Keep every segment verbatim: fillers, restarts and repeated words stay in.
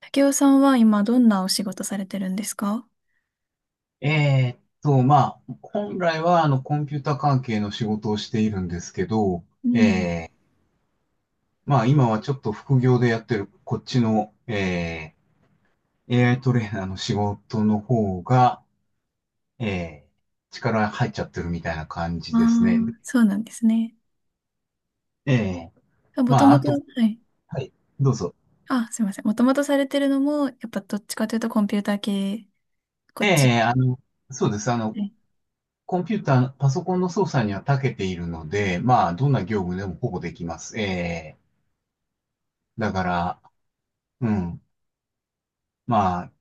竹雄さんは今どんなお仕事されてるんですか？えーっと、まあ、本来はあのコンピュータ関係の仕事をしているんですけど、うん。えー、まあ今はちょっと副業でやってるこっちの、えー、エーアイ トレーナーの仕事の方が、えー、力入っちゃってるみたいな感あじですね。あ、そうなんですね。えー、もとまあもあと、はと、い。はい、どうぞ。あ、すいません。もともとされてるのも、やっぱどっちかというとコンピューター系、こえっち。えあの、そうです。あの、はい。コンピューター、パソコンの操作には長けているので、まあどんな業務でもほぼできます。ええだから、うん、まあ、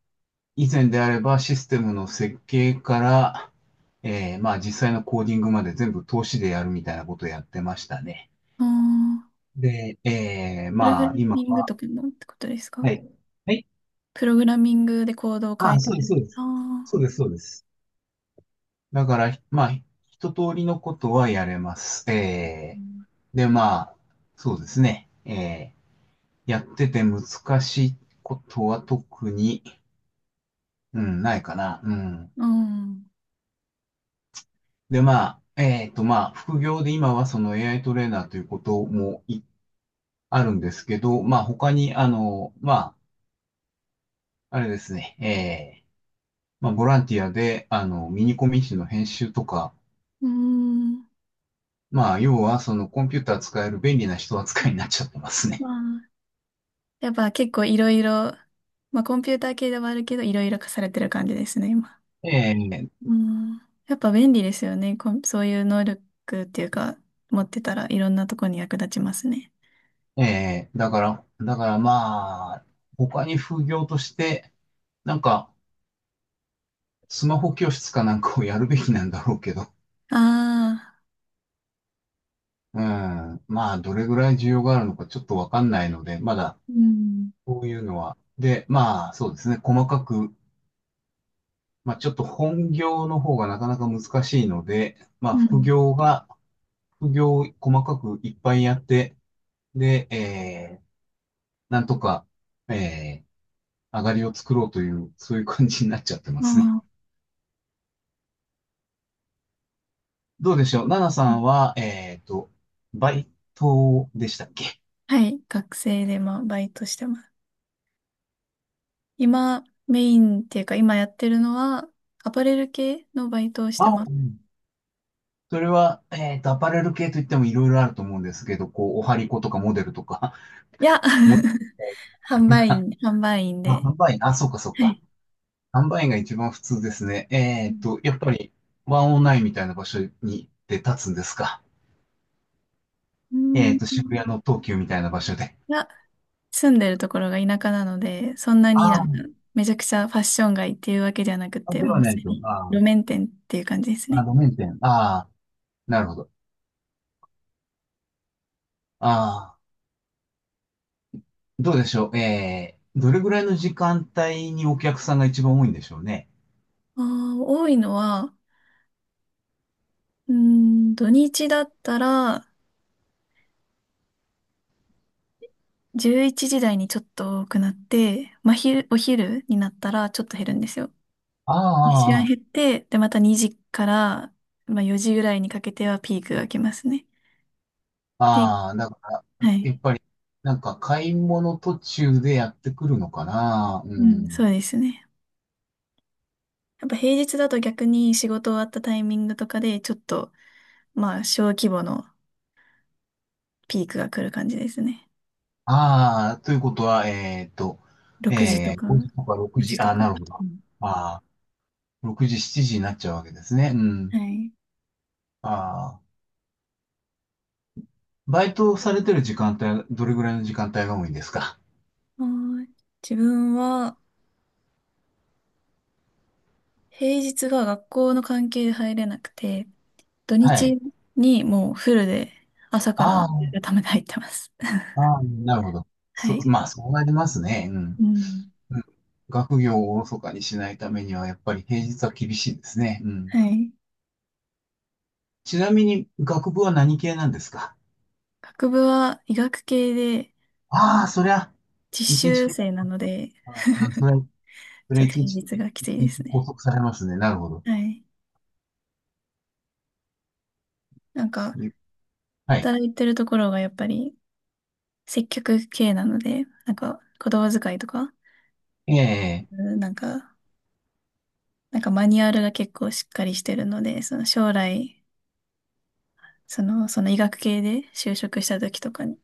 以前であればシステムの設計から、えーまあ実際のコーディングまで全部投資でやるみたいなことをやってましたね。ああ、で、えープログまあラ今ミングは、とかのってことですはか？い。はい。プログラミングでコードをあ書あ、いてそうです、る。そうであす。そあ、うです、そうです。だから、まあ一通りのことはやれます。うえーん、で、まあ、そうですね。えーやってて難しいことは特に、うん、ないかな。うん。うん。で、まあ、えっと、まあ、副業で今はその エーアイ トレーナーということもいあるんですけど、まあ、他に、あの、まあ、あれですね、えー、まあ、ボランティアで、あの、ミニコミ誌の編集とか、ん。まあ、要は、そのコンピューター使える便利な人扱いになっちゃってますね。まあ、やっぱ結構いろいろ、まあコンピューター系ではあるけど、いろいろ課されてる感じですね、今。えー、うん、やっぱ便利ですよね。こんそういう能力っていうか、持ってたらいろんなとこに役立ちますね。えー、だから、だからまあ、他に副業として、なんか、スマホ教室かなんかをやるべきなんだろうけど、ああ、うん、まあ、どれぐらい需要があるのかちょっとわかんないので、まだ、うん、こういうのは。で、まあ、そうですね。細かく、まあ、ちょっと本業の方がなかなか難しいので、まうあ、副ん。業が、副業を細かくいっぱいやって、で、えー、なんとか、えー、上がりを作ろうという、そういう感じになっちゃってますね。ああ、どうでしょう、ナナうさん。んは、えっと、バイトでしたっけ？はい、学生でまあバイトしてます。今、メインっていうか、今やってるのは、アパレル系のバイトをしてあ、ます。うん、それは、えっと、アパレル系といってもいろいろあると思うんですけど、こう、おはりことかモデルとか、いや、モデ 販売ル、員、販売員あ、で。販売員、あ、そうかそうはか。い。販売員が一番普通ですね。えうーっん。と、やっぱりワンオワンインみたいな場所にで立つんですか？うえーっん。と、渋谷の東急みたいな場所で。いや、住んでるところが田舎なので、そんなあになんかー、めちゃくちゃファッション街っていうわけじゃなくあ、て、ではもうなすいでと。にあー、路面店っていう感じですあ、ね。路面店。ああ、なるほど。ああ、どうでしょう。えー、どれぐらいの時間帯にお客さんが一番多いんでしょうね。ああ、多いのは、うーん、土日だったらじゅういちじ台にちょっと多くなって、まあ、昼、お昼になったらちょっと減るんですよ。あ一あ、瞬あ減って、で、またにじから、まあ、よじぐらいにかけてはピークが来ますね。あ、で、ああだから、はやっい。ぱり、なんか買い物途中でやってくるのかな。ううん、そん。うですね。やっぱ平日だと逆に仕事終わったタイミングとかでちょっと、まあ、小規模のピークが来る感じですね。ああ、ということは、えーっと、ろくじとえー、か、ごじとか6 ごじ時、とああ、か。なるほど。うあん。あ、ろくじ、しちじになっちゃうわけですね。うん。はい。ああ、バイトされてる時間帯、どれぐらいの時間帯が多いんですか？はーい。自分は、平日が学校の関係で入れなくて、土はい。日にもうフルで朝からあやあ、るために入ってます。ああ、なるほど。はそう、い。まあ、そうなりますね。ううん。ん。うん、学業をおろそかにしないためには、やっぱり平日は厳しいですね。うはん。い。ちなみに、学部は何系なんですか？学部は医学系でああ、そりゃ、実一日習かか生る。なので、ああ、それは、そちょれっと一平日、日がきつ一いです日拘ね。束されますね。なるほど。はい。なんか、い、はい。働いてるところがやっぱり接客系なので、なんか言葉遣いとか、ええうん、なんか、なんかマニュアルが結構しっかりしてるので、その将来、その、その医学系で就職した時とかに、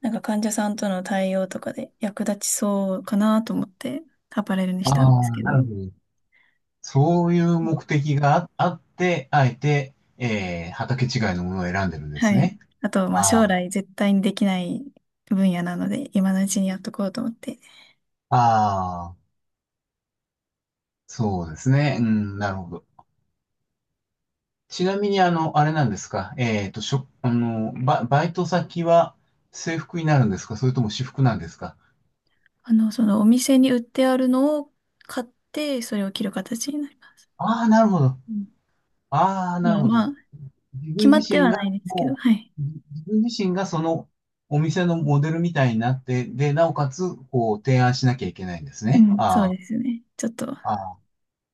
なんか患者さんとの対応とかで役立ちそうかなと思って、アパレルにあしたんですあけー、なるど、ほど。そういううん、目的があ、あって、あえて、ええ畑違いのものを選んでるんではすい。ね。あと、まああ将あ、来絶対にできない分野なので、今のうちにやっとこうと思って、ああ、そうですね。うん、なるほど。ちなみに、あの、あれなんですか。えっと、しょ、あの、バ、バイト先は制服になるんですか、それとも私服なんですか？あの、そのお店に売ってあるのを買って、それを着る形になります。ああー、なるほど。うん、ああ、だなかるらほど。まあ、自決分まっ自て身はなが、いですけど、もはい。う、自自分自身がそのお店のモデルみたいになって、で、なおかつ、こう、提案しなきゃいけないんですうね。ん、そうあですね。ちょっと、まあ、ああ。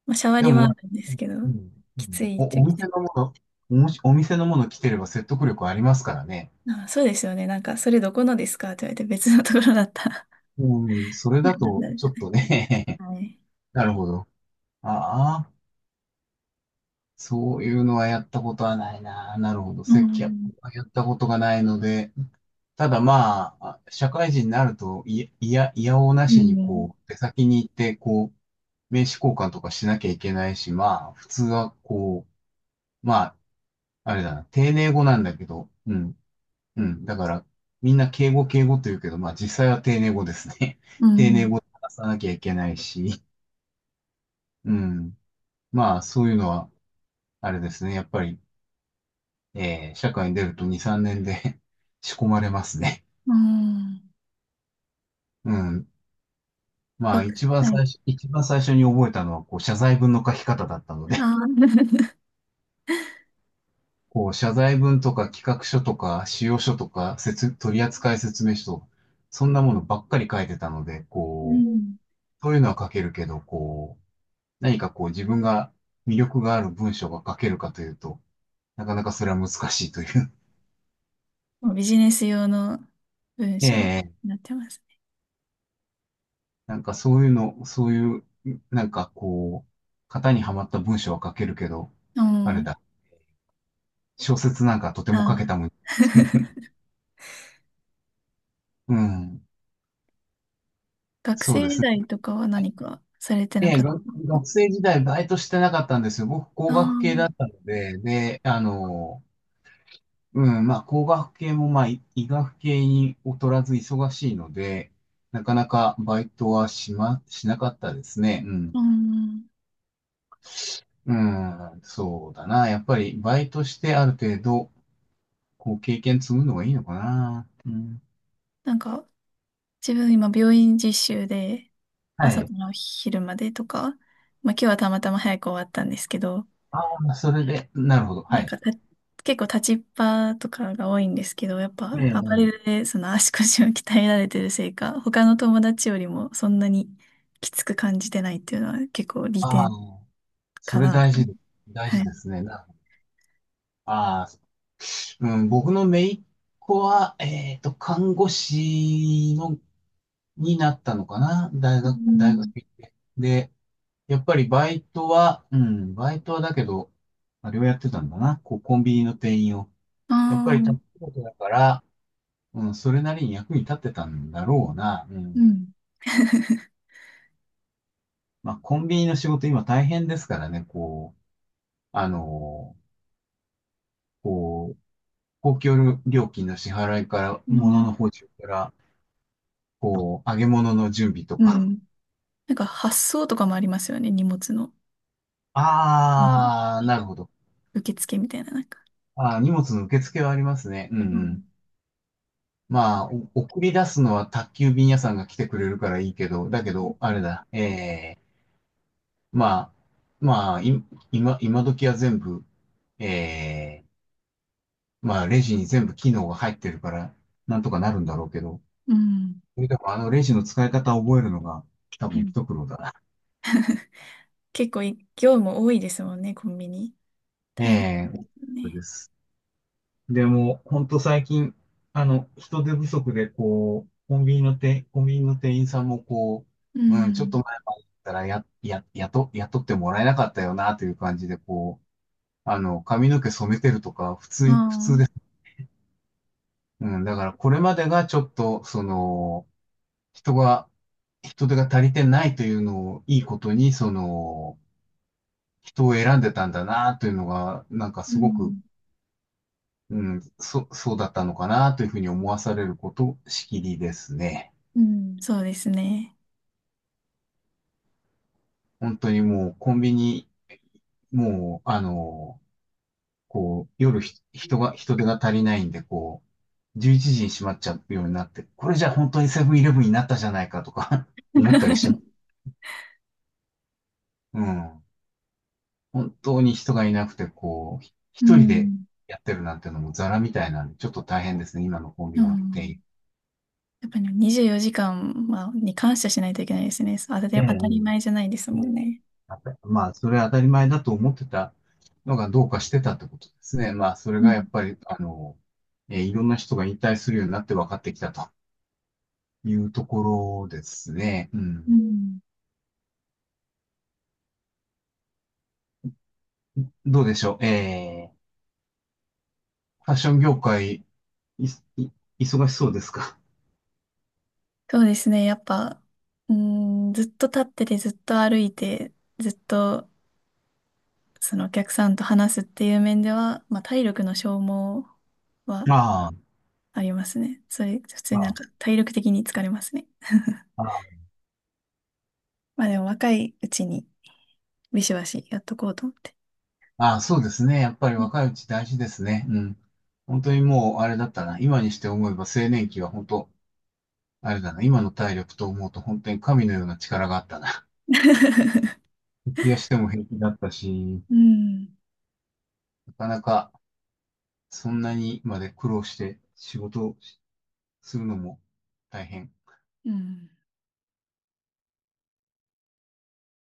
あ、シャワでリも、はあまあ、るんですけど、うん、うきつんいっちゃお、おきつ店い。のもの、おもし、お店のもの来てれば説得力ありますからね。あ、そうですよね。なんか、それどこのですかって言われて別のところだったら、うん、それ だなんと、だろうちじょゃっない。とね、はい。なるほど。ああ。そういうのはやったことはないな。なるほど。う接客ん。はやったことがないので、ただまあ、社会人になると、いいや、いやおうなうしにん。こう、出先に行って、こう、名刺交換とかしなきゃいけないし、まあ、普通はこう、まあ、あれだな、丁寧語なんだけど、うん、うん。だから、みんな敬語敬語と言うけど、まあ実際は丁寧語ですね。う 丁寧ん。語で話さなきゃいけないし、うん。まあ、そういうのは、あれですね。やっぱり、えー社会に出るとに、さんねんで 仕込まれますね。うん。うん。まあ、学一番はい。最初、一番最初に覚えたのは、こう、謝罪文の書き方だったのあで、ー、 こう、謝罪文とか企画書とか、仕様書とか、説、取扱説明書とか、そんなものばっかり書いてたので、うこう、ん。そういうのは書けるけど、こう、何かこう、自分が魅力がある文章が書けるかというと、なかなかそれは難しいという。もうビジネス用の文 章にえなってますね。なんかそういうの、そういう、なんかこう、型にはまった文章は書けるけど、うあれん。だ、小説なんかとてあも書けたー、 もん。うん、学そう生で時すね。代とかは何かされてえなかえ、った。が学生時代バイトしてなかったんですよ。僕、あ工あ学系ー、だったので、で、あの、うん、まあ、工学系も、まあ、い医学系に劣らず忙しいので、なかなかバイトはしま、しなかったですね。うん。うん。うん、そうだな。やっぱりバイトしてある程度、こう経験積むのがいいのかな。うん。なんか、自分今病院実習では朝かい。ら昼までとか、まあ今日はたまたま早く終わったんですけど、ああ、それで、なるほど。はなんい。かた結構立ちっぱとかが多いんですけど、やっぱええ、アパレええ、ルでその足腰を鍛えられてるせいか、他の友達よりもそんなにきつく感じてないっていうのは結構利ああ、点そかれなと。大事で、大は事い。ですね。なるほど。ああ、うん、僕の姪っ子は、えっと、看護師の、になったのかな。大う学、大学ん。行って。で、やっぱりバイトは、うん、バイトはだけど、まあれをやってたんだな。こう、コンビニの店員を。あやっぱり、たこあ、とだから、うん、それなりに役に立ってたんだろうな。ううん。ん。まあ、コンビニの仕事今大変ですからね、こう、あの、こう、公共料金の支払いから、あ物のー、補充から、こう、揚げ物の準備とうか。ん。なんか発送とかもありますよね、荷物の。なんかあー、なるほど。受付みたいな、なんか。ああ、荷物の受付はありますね。うん、うん。まあ、お送り出すのは宅急便屋さんが来てくれるからいいけど、だけど、あれだ、ええまあ、まあ、い、今、今時は全部、ええまあ、レジに全部機能が入ってるから、なんとかなるんだろうけど、うん。それでもあのレジの使い方を覚えるのが多う分ん、一苦労だな。結構い業務多いですもんね、コンビニ。え大変え、ですそうね。です。でも、本当最近、あの、人手不足で、こう、コンビニの店、コンビニの店員さんもこうう、うん、ちょっとん。前までだったら、や、や、雇、雇ってもらえなかったよな、という感じで、こう、あの、髪の毛染めてるとか、普あ通に、普通です。あ、うん、だからこれまでがちょっと、その、人が、人手が足りてないというのをいいことに、その、人を選んでたんだなというのが、なんかうすごく、ん。うん、そ、そうだったのかなというふうに思わされること、しきりですね。うん。そうですね。本当にもうコンビニ、もう、あの、こう、夜ひ人が、人手が足りないんで、こう、じゅういちじに閉まっちゃうようになって、これじゃ本当にセブンイレブンになったじゃないかとか 思ったりします。うん。本当に人がいなくて、こう、ひう一人でん。やってるなんてのもザラみたいなんで、ちょっと大変ですね、今のコンうビニの店ん。員。やっぱりにじゅうよじかんはに感謝しないといけないですね。そう当たえり、当たり前じえ、ゃないですえもんえ、ね。やっぱりまあ、それは当たり前だと思ってたのがどうかしてたってことですね。まあ、それうがやっん。ぱり、あの、えーいろんな人が引退するようになって分かってきたというところですね。ううん。ん。どうでしょう。えー、ファッション業界、い、い、忙しそうですか？ そうですね。やっぱ、うん、ずっと立ってて、ずっと歩いて、ずっとそのお客さんと話すっていう面では、まあ、体力の消耗 はあありますね。それ、普通あ、になあんあ、か体力的に疲れますね。ああ、まあでも若いうちにビシバシやっとこうと思って。ああ、そうですね。やっぱりうん。若いうち大事ですね。うん。本当にもう、あれだったな。今にして思えば青年期は本当、あれだな。今の体力と思うと本当に神のような力があったな。徹夜しても平気だったし、うん。なかなかそんなにまで苦労して仕事をするのも大変。うん。